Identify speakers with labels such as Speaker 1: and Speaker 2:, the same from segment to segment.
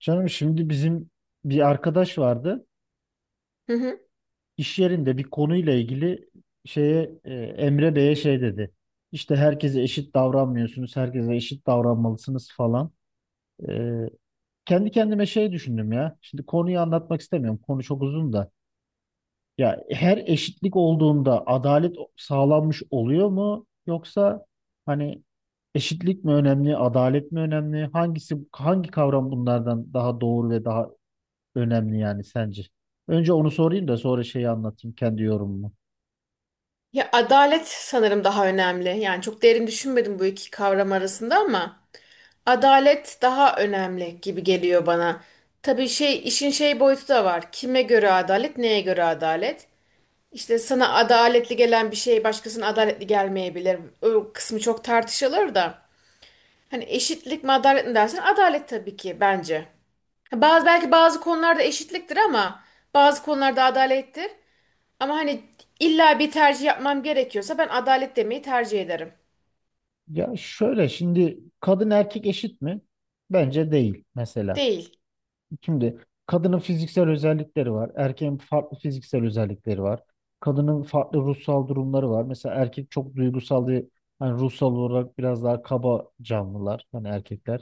Speaker 1: Canım şimdi bizim bir arkadaş vardı.
Speaker 2: Hı hı.
Speaker 1: İş yerinde bir konuyla ilgili Emre Bey'e şey dedi. İşte herkese eşit davranmıyorsunuz, herkese eşit davranmalısınız falan. E, Kendi kendime şey düşündüm ya. Şimdi konuyu anlatmak istemiyorum. Konu çok uzun da. Ya her eşitlik olduğunda adalet sağlanmış oluyor mu? Yoksa hani eşitlik mi önemli, adalet mi önemli? Hangisi hangi kavram bunlardan daha doğru ve daha önemli yani sence. Önce onu sorayım da sonra şeyi anlatayım kendi yorumumu.
Speaker 2: Ya adalet sanırım daha önemli. Yani çok derin düşünmedim bu iki kavram arasında ama adalet daha önemli gibi geliyor bana. Tabii şey işin şey boyutu da var. Kime göre adalet, neye göre adalet? İşte sana adaletli gelen bir şey başkasına adaletli gelmeyebilir. O kısmı çok tartışılır da. Hani eşitlik mi adalet mi dersen adalet tabii ki bence. Ha, bazı belki bazı konularda eşitliktir ama bazı konularda adalettir. Ama hani illa bir tercih yapmam gerekiyorsa ben adalet demeyi tercih ederim.
Speaker 1: Ya şöyle şimdi kadın erkek eşit mi? Bence değil mesela.
Speaker 2: Değil.
Speaker 1: Şimdi kadının fiziksel özellikleri var. Erkeğin farklı fiziksel özellikleri var. Kadının farklı ruhsal durumları var. Mesela erkek çok duygusal diye hani ruhsal olarak biraz daha kaba canlılar hani erkekler.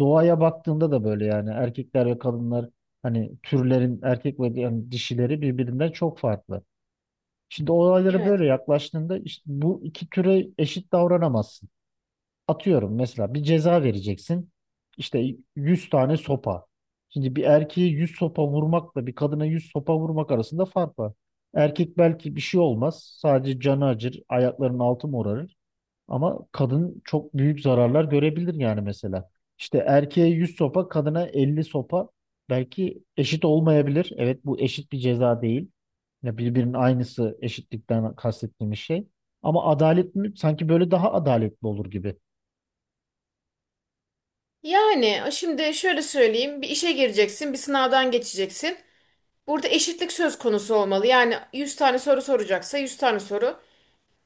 Speaker 1: Doğaya baktığında da böyle yani erkekler ve kadınlar hani türlerin erkek ve yani dişileri birbirinden çok farklı. Şimdi olaylara böyle
Speaker 2: Evet.
Speaker 1: yaklaştığında işte bu iki türe eşit davranamazsın. Atıyorum mesela bir ceza vereceksin. İşte 100 tane sopa. Şimdi bir erkeğe 100 sopa vurmakla bir kadına 100 sopa vurmak arasında fark var. Erkek belki bir şey olmaz. Sadece canı acır, ayaklarının altı morarır. Ama kadın çok büyük zararlar görebilir yani mesela. İşte erkeğe 100 sopa, kadına 50 sopa belki eşit olmayabilir. Evet bu eşit bir ceza değil. Ya birbirinin aynısı eşitlikten kastettiğimiz şey. Ama adalet mi? Sanki böyle daha adaletli olur gibi.
Speaker 2: Yani şimdi şöyle söyleyeyim. Bir işe gireceksin, bir sınavdan geçeceksin. Burada eşitlik söz konusu olmalı. Yani 100 tane soru soracaksa 100 tane soru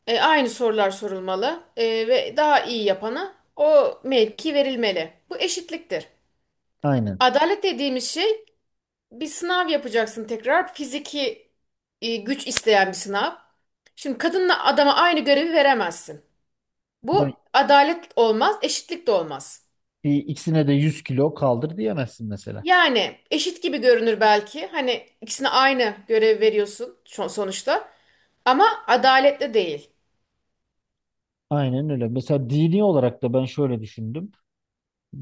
Speaker 2: aynı sorular sorulmalı ve daha iyi yapana o mevki verilmeli. Bu eşitliktir.
Speaker 1: Aynen.
Speaker 2: Adalet dediğimiz şey bir sınav yapacaksın tekrar. Fiziki güç isteyen bir sınav. Şimdi kadınla adama aynı görevi veremezsin.
Speaker 1: Yani
Speaker 2: Bu adalet olmaz, eşitlik de olmaz.
Speaker 1: bir ikisine de 100 kilo kaldır diyemezsin mesela.
Speaker 2: Yani eşit gibi görünür belki. Hani ikisine aynı görev veriyorsun sonuçta. Ama adaletli değil.
Speaker 1: Aynen öyle. Mesela dini olarak da ben şöyle düşündüm.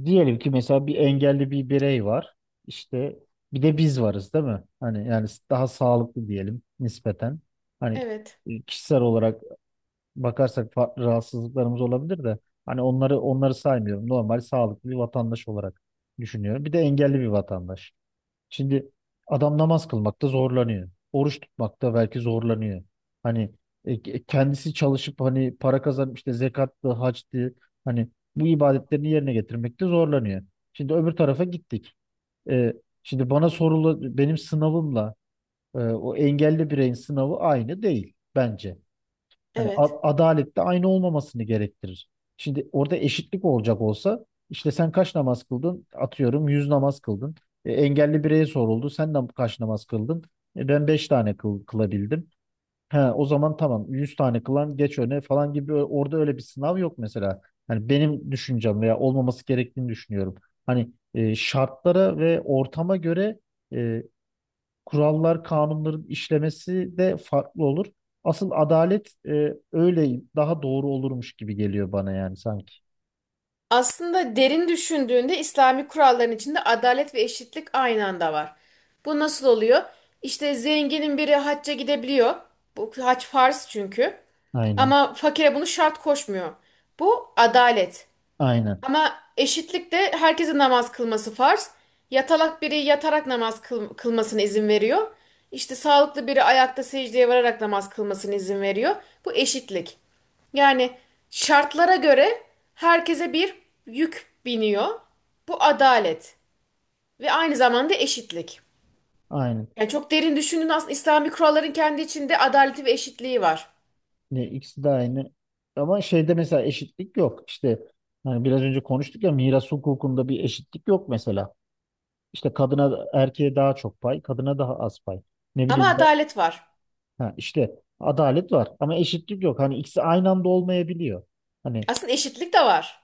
Speaker 1: Diyelim ki mesela bir engelli bir birey var. İşte bir de biz varız değil mi? Hani yani daha sağlıklı diyelim nispeten. Hani
Speaker 2: Evet,
Speaker 1: Kişisel olarak bakarsak farklı rahatsızlıklarımız olabilir de hani onları saymıyorum. Normal sağlıklı bir vatandaş olarak düşünüyorum. Bir de engelli bir vatandaş. Şimdi adam namaz kılmakta zorlanıyor. Oruç tutmakta belki zorlanıyor. Hani Kendisi çalışıp hani para kazanıp işte zekattı, hacdı hani bu ibadetlerini yerine getirmekte zorlanıyor. Şimdi öbür tarafa gittik. E, Şimdi bana sorulu benim sınavımla o engelli bireyin sınavı aynı değil bence. Hani
Speaker 2: evet.
Speaker 1: adalet de aynı olmamasını gerektirir. Şimdi orada eşitlik olacak olsa işte sen kaç namaz kıldın? Atıyorum 100 namaz kıldın. Engelli bireye soruldu. Sen de kaç namaz kıldın? Ben 5 tane kılabildim. Ha, o zaman tamam 100 tane kılan geç öne falan gibi orada öyle bir sınav yok mesela. Hani benim düşüncem veya olmaması gerektiğini düşünüyorum. Şartlara ve ortama göre e, kurallar, kanunların işlemesi de farklı olur. Asıl adalet öyle daha doğru olurmuş gibi geliyor bana yani sanki.
Speaker 2: Aslında derin düşündüğünde İslami kuralların içinde adalet ve eşitlik aynı anda var. Bu nasıl oluyor? İşte zenginin biri hacca gidebiliyor. Bu hac farz çünkü.
Speaker 1: Aynen.
Speaker 2: Ama fakire bunu şart koşmuyor. Bu adalet.
Speaker 1: Aynen.
Speaker 2: Ama eşitlikte herkesin namaz kılması farz. Yatalak biri yatarak namaz kılmasına izin veriyor. İşte sağlıklı biri ayakta secdeye vararak namaz kılmasına izin veriyor. Bu eşitlik. Yani şartlara göre herkese bir yük biniyor. Bu adalet ve aynı zamanda eşitlik.
Speaker 1: Aynen.
Speaker 2: Yani çok derin düşündüğün aslında İslami kuralların kendi içinde adaleti ve eşitliği var.
Speaker 1: Ne ikisi de aynı. Ama şeyde mesela eşitlik yok. İşte hani biraz önce konuştuk ya miras hukukunda bir eşitlik yok mesela. İşte kadına erkeğe daha çok pay, kadına daha az pay. Ne
Speaker 2: Ama
Speaker 1: bileyim ben-
Speaker 2: adalet var.
Speaker 1: ha, işte adalet var ama eşitlik yok. Hani ikisi aynı anda olmayabiliyor. Hani
Speaker 2: Aslında eşitlik de var.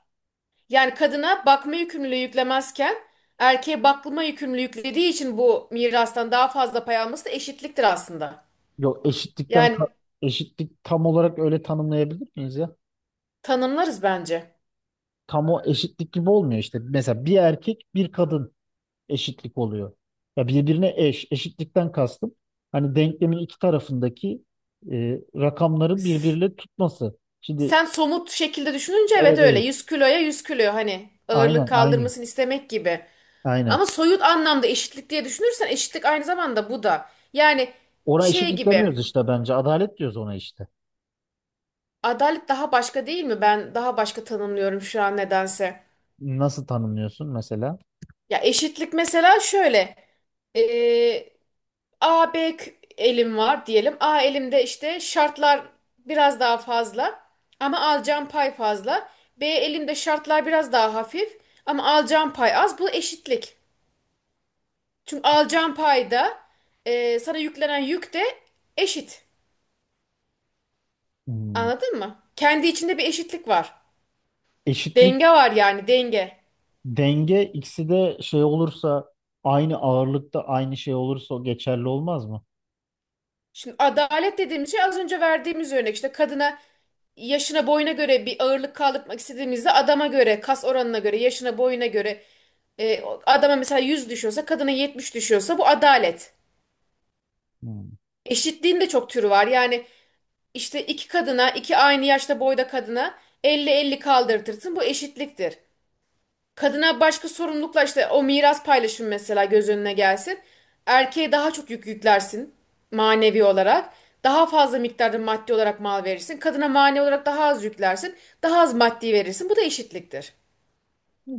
Speaker 2: Yani kadına bakma yükümlülüğü yüklemezken erkeğe bakma yükümlülüğü yüklediği için bu mirastan daha fazla pay alması da eşitliktir aslında.
Speaker 1: Yok eşitlikten ka-
Speaker 2: Yani
Speaker 1: eşitlik tam olarak öyle tanımlayabilir miyiz ya?
Speaker 2: tanımlarız bence.
Speaker 1: Tam o eşitlik gibi olmuyor işte. Mesela bir erkek bir kadın eşitlik oluyor. Ya birbirine eş. Eşitlikten kastım. Hani denklemin iki tarafındaki rakamların
Speaker 2: S-
Speaker 1: birbiriyle tutması. Şimdi
Speaker 2: Sen somut şekilde düşününce
Speaker 1: evet
Speaker 2: evet öyle.
Speaker 1: evet.
Speaker 2: 100 kiloya 100 kilo hani ağırlık
Speaker 1: Aynen.
Speaker 2: kaldırmasını istemek gibi.
Speaker 1: Aynen.
Speaker 2: Ama soyut anlamda eşitlik diye düşünürsen eşitlik aynı zamanda bu da. Yani
Speaker 1: Ona
Speaker 2: şey
Speaker 1: eşitlik
Speaker 2: gibi
Speaker 1: demiyoruz işte bence. Adalet diyoruz ona işte.
Speaker 2: adalet daha başka değil mi? Ben daha başka tanımlıyorum şu an nedense.
Speaker 1: Nasıl tanımlıyorsun mesela?
Speaker 2: Ya eşitlik mesela şöyle. Ee, A, B elim var diyelim. A elimde işte şartlar biraz daha fazla ama alacağım pay fazla. B elimde şartlar biraz daha hafif ama alacağım pay az. Bu eşitlik. Çünkü alacağım payda sana yüklenen yük de eşit.
Speaker 1: Hmm.
Speaker 2: Anladın mı? Kendi içinde bir eşitlik var.
Speaker 1: Eşitlik.
Speaker 2: Denge var yani denge.
Speaker 1: Denge ikisi de şey olursa aynı ağırlıkta aynı şey olursa o geçerli olmaz mı?
Speaker 2: Şimdi adalet dediğimiz şey az önce verdiğimiz örnek işte kadına yaşına boyuna göre bir ağırlık kaldırmak istediğimizde adama göre kas oranına göre yaşına boyuna göre adama mesela 100 düşüyorsa kadına 70 düşüyorsa bu adalet.
Speaker 1: Hmm.
Speaker 2: Eşitliğin de çok türü var. Yani işte iki kadına iki aynı yaşta boyda kadına 50, 50 kaldırtırsın bu eşitliktir. Kadına başka sorumlulukla işte o miras paylaşımı mesela göz önüne gelsin. Erkeğe daha çok yük yüklersin manevi olarak. Daha fazla miktarda maddi olarak mal verirsin. Kadına manevi olarak daha az yüklersin. Daha az maddi verirsin. Bu da eşitliktir.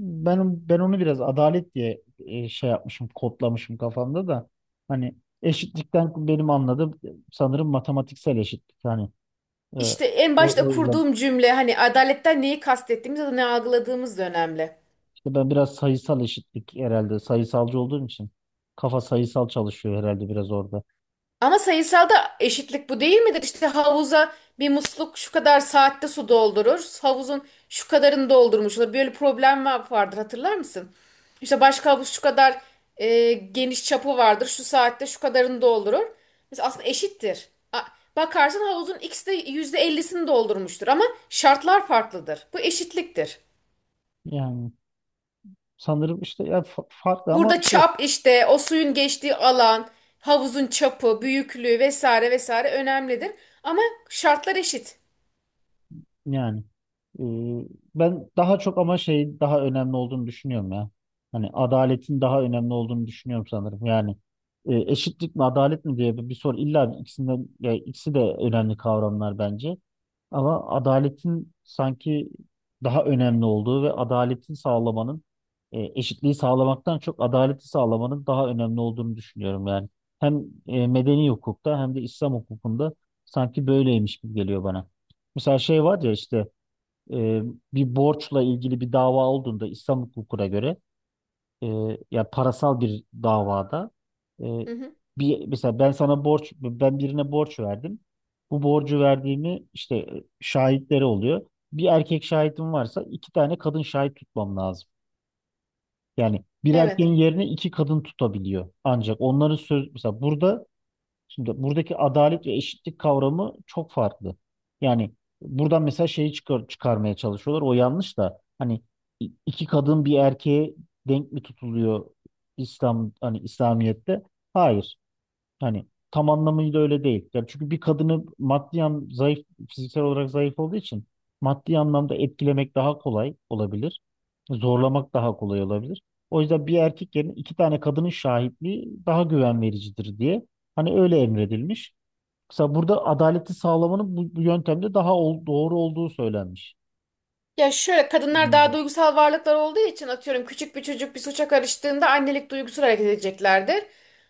Speaker 1: Ben onu biraz adalet diye şey yapmışım, kodlamışım kafamda da. Hani eşitlikten benim anladığım sanırım matematiksel eşitlik. Hani e, o,
Speaker 2: İşte en başta
Speaker 1: o yüzden
Speaker 2: kurduğum cümle hani adaletten neyi kastettiğimiz ya da ne algıladığımız da önemli.
Speaker 1: işte ben biraz sayısal eşitlik herhalde sayısalcı olduğum için kafa sayısal çalışıyor herhalde biraz orada.
Speaker 2: Ama sayısalda eşitlik bu değil midir? İşte havuza bir musluk şu kadar saatte su doldurur. Havuzun şu kadarını doldurmuş olur. Böyle problem vardır hatırlar mısın? İşte başka havuz şu kadar geniş çapı vardır. Şu saatte şu kadarını doldurur. Mesela aslında eşittir. Bakarsın havuzun ikisi de %50'sini doldurmuştur ama şartlar farklıdır. Bu eşitliktir.
Speaker 1: Yani sanırım işte ya farklı ama
Speaker 2: Burada
Speaker 1: şey,
Speaker 2: çap işte o suyun geçtiği alan, havuzun çapı, büyüklüğü vesaire vesaire önemlidir. Ama şartlar eşit.
Speaker 1: yani e, ben daha çok ama şey daha önemli olduğunu düşünüyorum ya. Hani adaletin daha önemli olduğunu düşünüyorum sanırım. Yani eşitlik mi adalet mi diye bir soru illa bir ikisinden ya ikisi de önemli kavramlar bence. Ama adaletin sanki daha önemli olduğu ve adaletin sağlamanın eşitliği sağlamaktan çok adaleti sağlamanın daha önemli olduğunu düşünüyorum yani. Hem medeni hukukta hem de İslam hukukunda sanki böyleymiş gibi geliyor bana. Mesela şey var ya işte e, bir borçla ilgili bir dava olduğunda İslam hukukuna göre e, ya parasal bir davada e,
Speaker 2: Hı hı.
Speaker 1: bir mesela ben birine borç verdim. Bu borcu verdiğimi işte şahitleri oluyor. Bir erkek şahidim varsa iki tane kadın şahit tutmam lazım. Yani bir erkeğin
Speaker 2: Evet.
Speaker 1: yerine iki kadın tutabiliyor. Ancak onların söz mesela burada. Şimdi buradaki adalet ve eşitlik kavramı çok farklı. Yani buradan mesela şeyi çıkarmaya çalışıyorlar. O yanlış da hani iki kadın bir erkeğe denk mi tutuluyor İslamiyet'te? Hayır. Hani tam anlamıyla öyle değil. Yani çünkü bir kadını maddi an zayıf fiziksel olarak zayıf olduğu için maddi anlamda etkilemek daha kolay olabilir. Zorlamak daha kolay olabilir. O yüzden bir erkek yerine iki tane kadının şahitliği daha güven vericidir diye. Hani öyle emredilmiş. Mesela burada adaleti sağlamanın bu yöntemde daha doğru olduğu söylenmiş.
Speaker 2: Ya şöyle kadınlar daha
Speaker 1: Bilmiyorum.
Speaker 2: duygusal varlıklar olduğu için atıyorum küçük bir çocuk bir suça karıştığında annelik duygusuyla hareket edeceklerdir.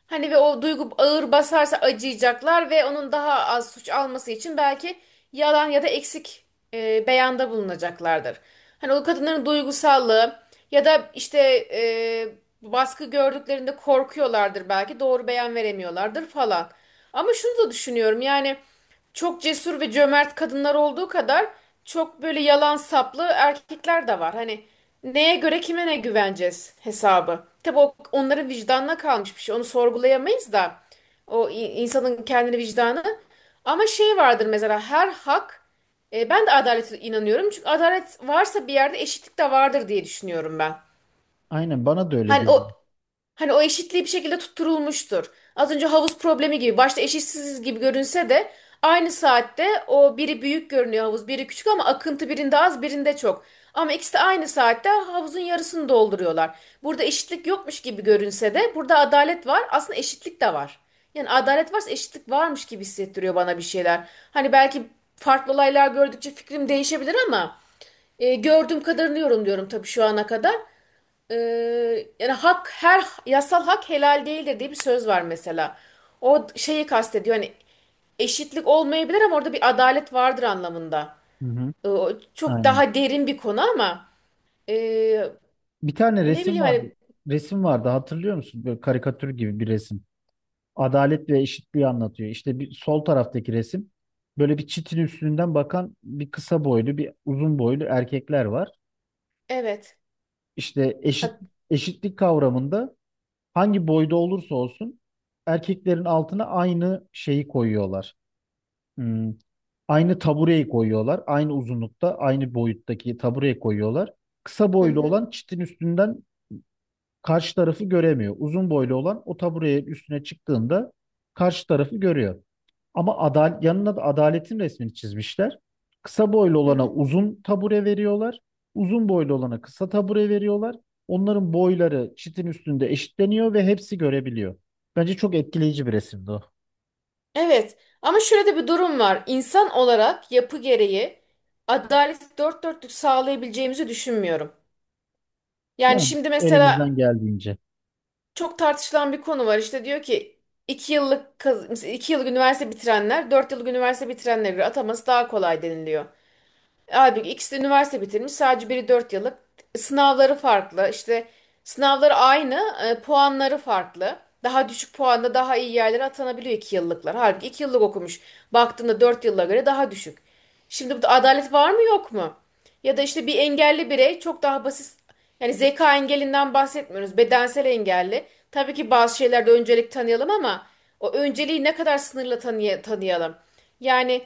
Speaker 2: Hani ve o duygu ağır basarsa acıyacaklar ve onun daha az suç alması için belki yalan ya da eksik beyanda bulunacaklardır. Hani o kadınların duygusallığı ya da işte e, baskı gördüklerinde korkuyorlardır belki doğru beyan veremiyorlardır falan. Ama şunu da düşünüyorum yani. Çok cesur ve cömert kadınlar olduğu kadar çok böyle yalan saplı erkekler de var. Hani neye göre kime ne güveneceğiz hesabı. Tabii o onların vicdanına kalmış bir şey. Onu sorgulayamayız da o insanın kendini vicdanı. Ama şey vardır mesela her hak ben de adalete inanıyorum. Çünkü adalet varsa bir yerde eşitlik de vardır diye düşünüyorum ben.
Speaker 1: Aynen bana da öyle
Speaker 2: Hani
Speaker 1: geliyor.
Speaker 2: o Hani o eşitliği bir şekilde tutturulmuştur. Az önce havuz problemi gibi başta eşitsiz gibi görünse de aynı saatte o biri büyük görünüyor havuz, biri küçük ama akıntı birinde az, birinde çok. Ama ikisi de aynı saatte havuzun yarısını dolduruyorlar. Burada eşitlik yokmuş gibi görünse de burada adalet var. Aslında eşitlik de var. Yani adalet varsa eşitlik varmış gibi hissettiriyor bana bir şeyler. Hani belki farklı olaylar gördükçe fikrim değişebilir ama gördüğüm kadarını yorumluyorum tabii şu ana kadar. Yani hak her yasal hak helal değildir diye bir söz var mesela. O şeyi kastediyor hani eşitlik olmayabilir ama orada bir adalet vardır anlamında.
Speaker 1: Hı hı.
Speaker 2: O çok
Speaker 1: Aynen.
Speaker 2: daha derin bir konu ama ee,
Speaker 1: Bir tane
Speaker 2: ne
Speaker 1: resim
Speaker 2: bileyim
Speaker 1: vardı.
Speaker 2: hani
Speaker 1: Resim vardı hatırlıyor musun? Böyle karikatür gibi bir resim. Adalet ve eşitliği anlatıyor. İşte bir sol taraftaki resim. Böyle bir çitin üstünden bakan bir kısa boylu, bir uzun boylu erkekler var.
Speaker 2: evet.
Speaker 1: İşte
Speaker 2: Ha-
Speaker 1: eşit eşitlik kavramında hangi boyda olursa olsun erkeklerin altına aynı şeyi koyuyorlar. Hmm, aynı tabureyi koyuyorlar. Aynı uzunlukta, aynı boyuttaki tabureyi koyuyorlar. Kısa
Speaker 2: Hı
Speaker 1: boylu
Speaker 2: hı,
Speaker 1: olan çitin üstünden karşı tarafı göremiyor. Uzun boylu olan o taburenin üstüne çıktığında karşı tarafı görüyor. Ama adal yanına da adaletin resmini çizmişler. Kısa boylu
Speaker 2: hı
Speaker 1: olana
Speaker 2: hı.
Speaker 1: uzun tabure veriyorlar. Uzun boylu olana kısa tabure veriyorlar. Onların boyları çitin üstünde eşitleniyor ve hepsi görebiliyor. Bence çok etkileyici bir resimdi o.
Speaker 2: Evet ama şöyle de bir durum var. İnsan olarak yapı gereği adaleti dört dörtlük sağlayabileceğimizi düşünmüyorum. Yani
Speaker 1: Yani
Speaker 2: şimdi mesela
Speaker 1: elimizden geldiğince.
Speaker 2: çok tartışılan bir konu var. İşte diyor ki iki yıllık mesela iki yıllık üniversite bitirenler dört yıllık üniversite bitirenlere göre ataması daha kolay deniliyor. Abi ikisi de üniversite bitirmiş. Sadece biri 4 yıllık. Sınavları farklı. İşte sınavları aynı, puanları farklı. Daha düşük puanla daha iyi yerlere atanabiliyor 2 yıllıklar. Halbuki 2 yıllık okumuş. Baktığında 4 yıla göre daha düşük. Şimdi burada adalet var mı yok mu? Ya da işte bir engelli birey çok daha basit yani zeka engelinden bahsetmiyoruz. Bedensel engelli. Tabii ki bazı şeylerde öncelik tanıyalım ama o önceliği ne kadar sınırla tanıyalım. Yani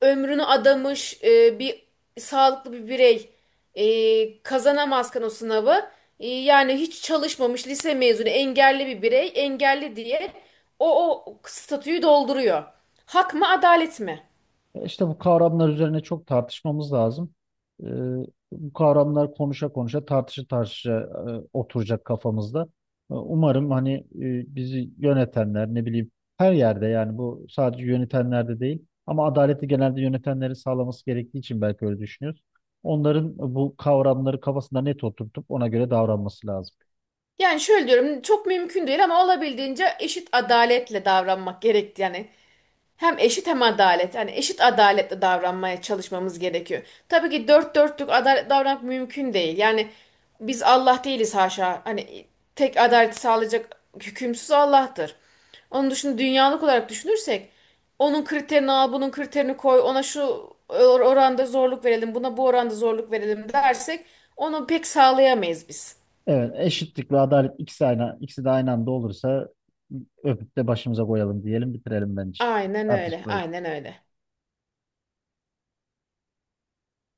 Speaker 2: ömrünü adamış bir sağlıklı bir birey kazanamazken o sınavı yani hiç çalışmamış lise mezunu engelli bir birey engelli diye o statüyü dolduruyor. Hak mı adalet mi?
Speaker 1: İşte bu kavramlar üzerine çok tartışmamız lazım. Ee, Bu kavramlar konuşa konuşa, tartışa tartışa oturacak kafamızda. Umarım hani bizi yönetenler, ne bileyim her yerde yani bu sadece yönetenlerde değil ama adaleti genelde yönetenlerin sağlaması gerektiği için belki öyle düşünüyoruz. Onların bu kavramları kafasında net oturtup ona göre davranması lazım.
Speaker 2: Yani şöyle diyorum çok mümkün değil ama olabildiğince eşit adaletle davranmak gerekti yani. Hem eşit hem adalet. Yani eşit adaletle davranmaya çalışmamız gerekiyor. Tabii ki dört dörtlük adalet davranmak mümkün değil. Yani biz Allah değiliz haşa. Hani tek adaleti sağlayacak hükümsüz Allah'tır. Onun dışında dünyalık olarak düşünürsek onun kriterini al, bunun kriterini koy, ona şu oranda zorluk verelim, buna bu oranda zorluk verelim dersek onu pek sağlayamayız biz.
Speaker 1: Evet, eşitlik ve adalet ikisi aynı, ikisi de aynı anda olursa öpüp de başımıza koyalım diyelim, bitirelim bence
Speaker 2: Aynen öyle,
Speaker 1: tartışmayı.
Speaker 2: aynen öyle.